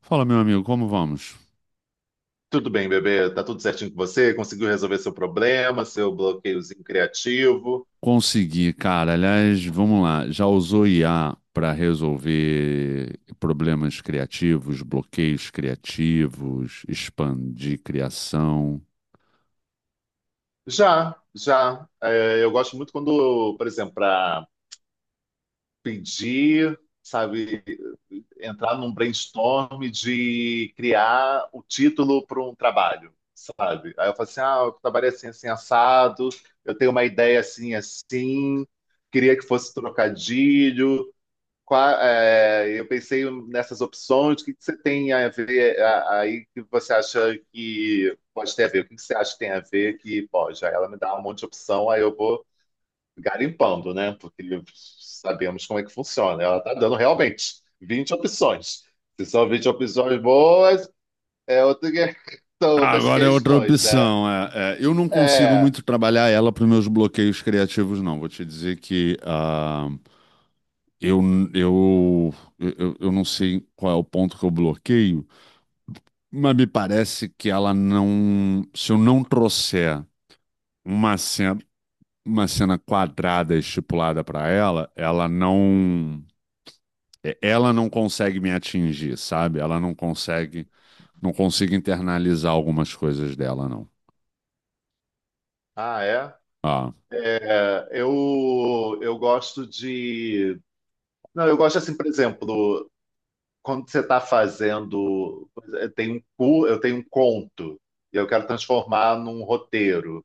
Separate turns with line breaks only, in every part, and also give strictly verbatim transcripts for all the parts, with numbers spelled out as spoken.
Fala, meu amigo, como vamos?
Tudo bem, bebê? Tá tudo certinho com você? Conseguiu resolver seu problema, seu bloqueiozinho criativo?
Consegui, cara. Aliás, vamos lá. Já usou I A para resolver problemas criativos, bloqueios criativos, expandir criação?
Já, já. É, eu gosto muito quando, por exemplo, para pedir, sabe, entrar num brainstorm de criar o título para um trabalho, sabe? Aí eu falo assim, ah, o trabalho é assim, assim, assado, eu tenho uma ideia assim, assim, queria que fosse trocadilho. Qua- é, eu pensei nessas opções, o que que você tem a ver a- aí que você acha que pode ter a ver? O que que você acha que tem a ver que, bom, já ela me dá um monte de opção, aí eu vou garimpando, né? Porque sabemos como é que funciona. Ela tá dando realmente vinte opções. Se são vinte opções boas, é outra, que- são outras
Agora é outra
questões, né?
opção. É, é, eu não consigo
É.
muito trabalhar ela para os meus bloqueios criativos, não. Vou te dizer que ah, eu, eu, eu, eu não sei qual é o ponto que eu bloqueio, mas me parece que ela não. Se eu não trouxer uma cena. Uma cena quadrada estipulada pra ela, ela não é, ela não consegue me atingir, sabe? Ela não consegue, não consigo internalizar algumas coisas dela, não.
Ah, é?
Ah,
É, Eu, eu gosto de. Não, eu gosto assim, por exemplo, quando você está fazendo, eu tenho um cu- eu tenho um conto e eu quero transformar num roteiro.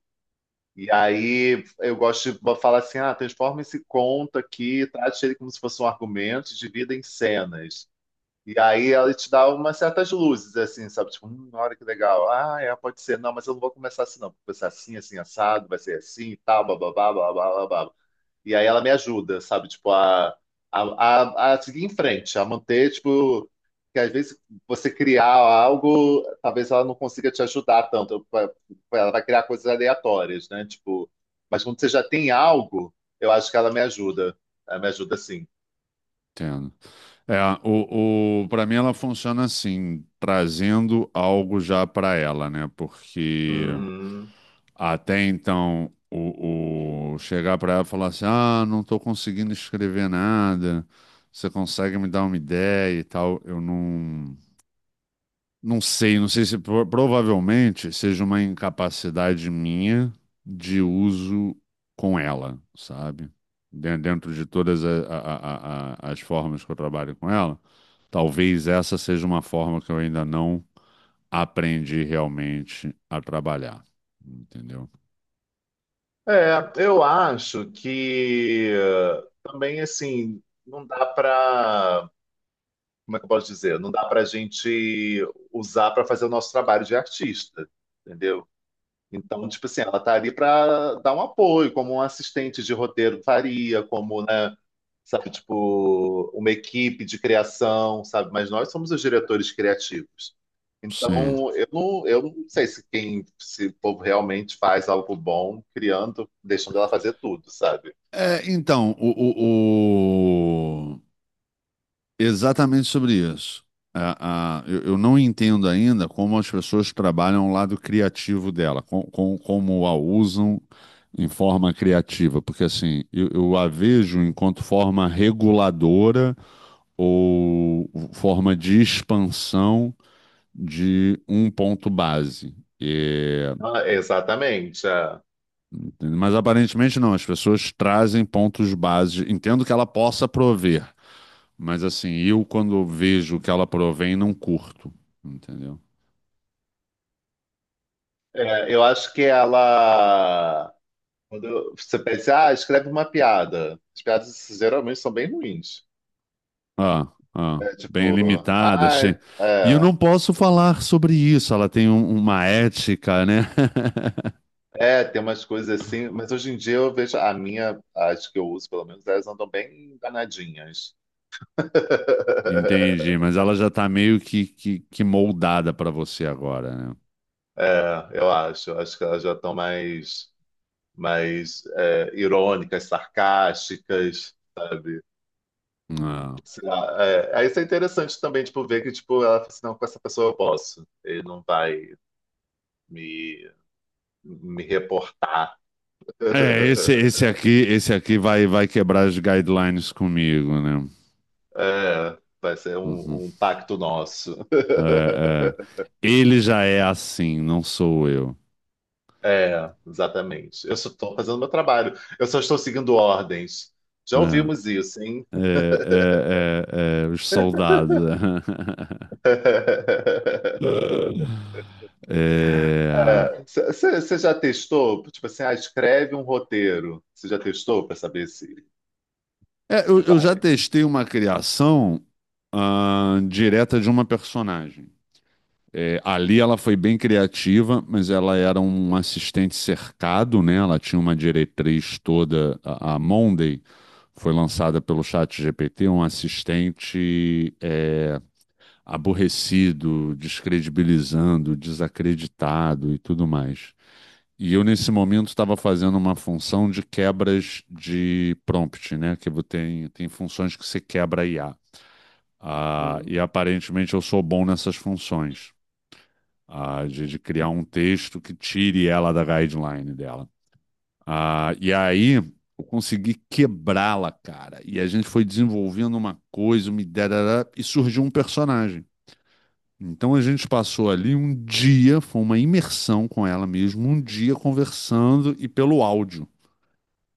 E aí eu gosto de falar assim, ah, transforma esse conto aqui, trate ele como se fosse um argumento, e divida em cenas. E aí ela te dá umas certas luzes, assim, sabe? Tipo, hum, olha que legal. Ah, é, pode ser. Não, mas eu não vou começar assim, não. Vou começar assim, assim, assado, vai ser assim, e tal, bababá, babá, babá. E aí ela me ajuda, sabe? Tipo, a, a, a, a seguir em frente, a manter, tipo, que às vezes você criar algo, talvez ela não consiga te ajudar tanto. Ela vai criar coisas aleatórias, né? Tipo, mas quando você já tem algo, eu acho que ela me ajuda. Ela me ajuda sim.
entendo. É, o, o, para mim ela funciona assim, trazendo algo já pra ela, né? Porque
Uhum.
até então o, o chegar pra ela e falar assim, ah, não tô conseguindo escrever nada. Você consegue me dar uma ideia e tal? Eu não Não sei, não sei se pro- provavelmente seja uma incapacidade minha de uso com ela, sabe? Den- Dentro de todas a- a- a- a- as formas que eu trabalho com ela, talvez essa seja uma forma que eu ainda não aprendi realmente a trabalhar, entendeu?
É, eu acho que eh, também assim, não dá para, como é que eu posso dizer? Não dá para a gente usar para fazer o nosso trabalho de artista, entendeu? Então, tipo assim, ela tá ali para dar um apoio, como um assistente de roteiro faria, como, né, sabe, tipo, uma equipe de criação, sabe? Mas nós somos os diretores criativos.
Sim.
Então, eu não, eu não sei se quem, se o povo realmente faz algo bom criando, deixando ela fazer tudo, sabe?
É, então, o, o, exatamente sobre isso. A- a- eu, eu não entendo ainda como as pessoas trabalham o lado criativo dela, com, com- como a usam em forma criativa, porque assim, eu, eu a vejo enquanto forma reguladora ou forma de expansão de um ponto base. É,
Ah, exatamente. É.
mas aparentemente não, as pessoas trazem pontos base, entendo que ela possa prover. Mas assim, eu quando vejo que ela provém, não curto, entendeu?
É, eu acho que ela. Quando você pensa, ah, escreve uma piada. As piadas geralmente são bem ruins.
Ah, ah,
É
bem
tipo,
limitada.
ah,
che- E eu
é,
não posso falar sobre isso, ela tem um- uma ética, né?
é, tem umas coisas assim, mas hoje em dia eu vejo a minha, as que eu uso, pelo menos, elas andam bem danadinhas.
Entendi, mas ela já tá meio que, que, que moldada pra você agora, né?
É, eu acho, acho que elas já estão mais, mais é, irônicas, sarcásticas, sabe?
Ah.
Sei lá, é, aí isso é interessante também, tipo, ver que, tipo, ela fala assim, não, com essa pessoa eu posso, ele não vai me, me reportar.
É, esse, esse aqui, esse aqui vai, vai quebrar as guidelines comigo, né?
É, vai ser
Uhum.
um, um pacto nosso.
É, é. Ele já é assim, não sou eu.
É, exatamente. Eu só estou fazendo meu trabalho. Eu só estou seguindo ordens. Já
É.
ouvimos isso, hein?
É, é, é, é, os soldados. É,
Você já testou? Tipo assim, ah, escreve um roteiro. Você já testou para saber se, se
é, eu, eu já
vai?
testei uma criação ah, direta de uma personagem. É, ali ela foi bem criativa, mas ela era um assistente cercado, né? Ela tinha uma diretriz toda. A, a Monday foi lançada pelo ChatGPT, um assistente é, aborrecido, descredibilizando, desacreditado e tudo mais. E eu, nesse momento, estava fazendo uma função de quebras de prompt, né? Que vo- tem, tem funções que você quebra I A. Ah, e
Hum.
aparentemente eu sou bom nessas funções, ah, de, de criar um texto que tire ela da guideline dela. Ah, e aí eu consegui quebrá-la, cara. E a gente foi desenvolvendo uma coisa, uma ideia, e surgiu um personagem. Então a gente passou ali um dia, foi uma imersão com ela mesmo, um dia conversando e pelo áudio.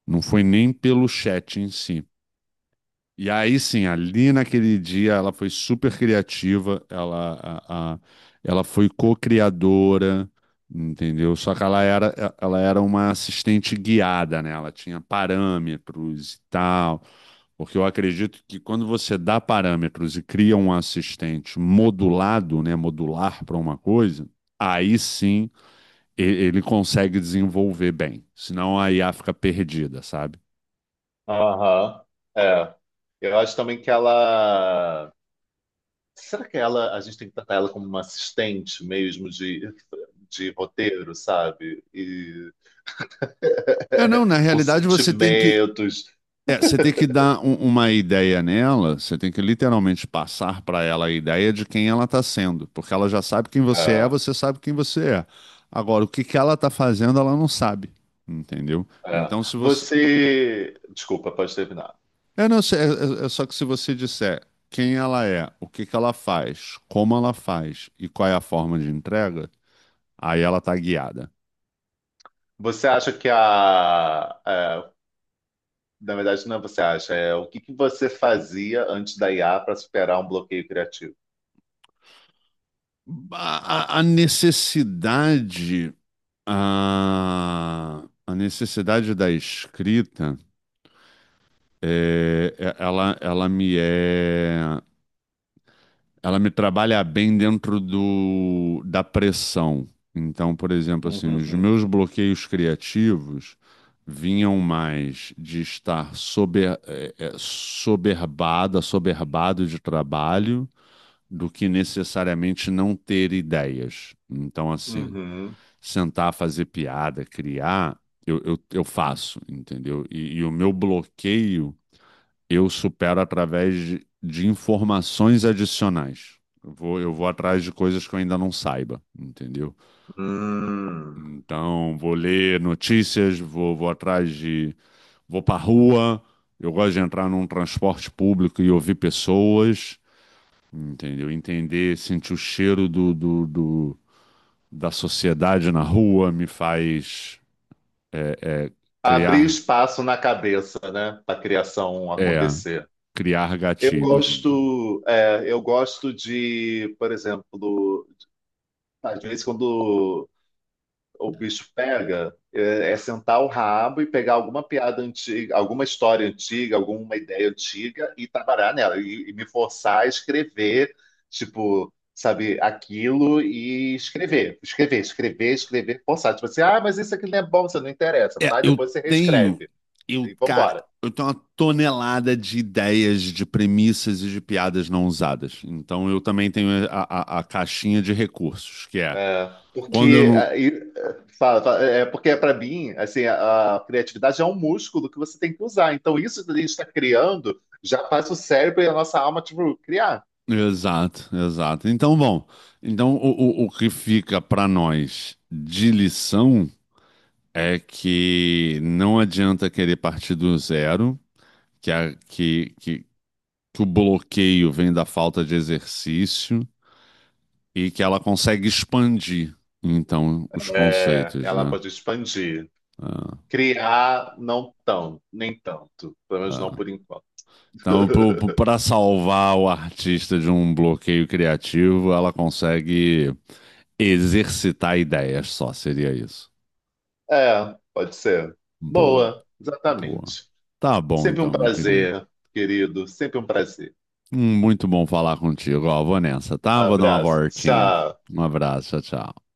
Não foi nem pelo chat em si. E aí sim, ali naquele dia ela foi super criativa, ela, a- a- ela foi co-criadora, entendeu? Só que ela era, é, ela era uma assistente guiada, né? Ela tinha parâmetros e tal, porque eu acredito que quando você dá parâmetros e cria um assistente modulado, né? Modular para uma coisa, aí sim e- ele consegue desenvolver bem, senão a I A fica perdida, sabe?
Aham. É. Eu acho também que ela. Será que ela, a gente tem que tratar ela como uma assistente mesmo de, de roteiro, sabe? E
É, não, na
com
realidade você tem que
sentimentos.
É, você tem que dar um- uma ideia nela, você tem que literalmente passar para ela a ideia de quem ela está sendo, porque ela já sabe quem você é,
É,
você sabe quem você é. Agora, o que que ela está fazendo, ela não sabe, entendeu?
é.
Então, se você.
Você. Desculpa, pode terminar.
É, não, se- é, é- é só que se você disser quem ela é, o que que ela faz, como ela faz e qual é a forma de entrega, aí ela está guiada.
Você acha que a. É, na verdade, não é você acha, é o que que você fazia antes da I A para superar um bloqueio criativo?
A, a- a necessidade. A, a necessidade da escrita. É, é- ela, ela me é, ela me trabalha bem dentro do, da pressão. Então, por exemplo, assim, os
Uhum,
meus bloqueios criativos vinham mais de estar sober, é, é, soberbada, soberbado de trabalho, do que necessariamente não ter ideias. Então, assim,
uhum.
sentar, fazer piada, criar, eu, eu, eu faço, entendeu? E e o meu bloqueio eu supero através de, de informações adicionais. Eu vou, eu vou atrás de coisas que eu ainda não saiba, entendeu?
Hum.
Então, vou ler notícias, vou, vou atrás de. Vou pra rua, eu gosto de entrar num transporte público e ouvir pessoas, entendeu? Entender, sentir o cheiro do, do, do- da sociedade na rua me faz é, é,
Abrir
criar,
espaço na cabeça, né, para a criação
é,
acontecer.
criar
Eu
gatilhos, entendeu?
gosto, é, eu gosto de, por exemplo, às vezes quando o bicho pega é, é sentar o rabo e pegar alguma piada antiga, alguma história antiga, alguma ideia antiga e trabalhar nela e, e me forçar a escrever, tipo, sabe, aquilo e escrever, escrever, escrever, escrever, forçar. Tipo assim, ah, mas isso aqui não é bom, você não interessa,
É,
tá?
eu
Depois você
tenho,
reescreve
eu,
e
cara,
vambora.
eu tenho uma tonelada de ideias, de premissas e de piadas não usadas. Então eu também tenho a, a- a caixinha de recursos, que é
É,
quando eu
porque
não.
aí, é, fala, fala, é é porque para mim assim a, a criatividade é um músculo que você tem que usar. Então isso que a gente está criando já faz o cérebro e a nossa alma tipo, criar.
Exato, exato. Então, bom, então o, o, o que fica para nós de lição é que não adianta querer partir do zero, que, a, que, que, que o bloqueio vem da falta de exercício. E que ela consegue expandir, então, os
É,
conceitos,
ela
né?
pode expandir.
Ah,
Criar não tão, nem tanto, pelo menos não
ah.
por enquanto.
Então, para salvar o artista de um bloqueio criativo, ela consegue exercitar ideias só, seria isso.
É, pode ser.
Boa,
Boa,
boa.
exatamente.
Tá bom
Sempre um
então, meu querido.
prazer, querido. Sempre um prazer.
Hum, Muito bom falar contigo. Ó, vou nessa, tá? Vou dar uma
Abraço.
voltinha.
Tchau.
Um abraço, tchau, tchau.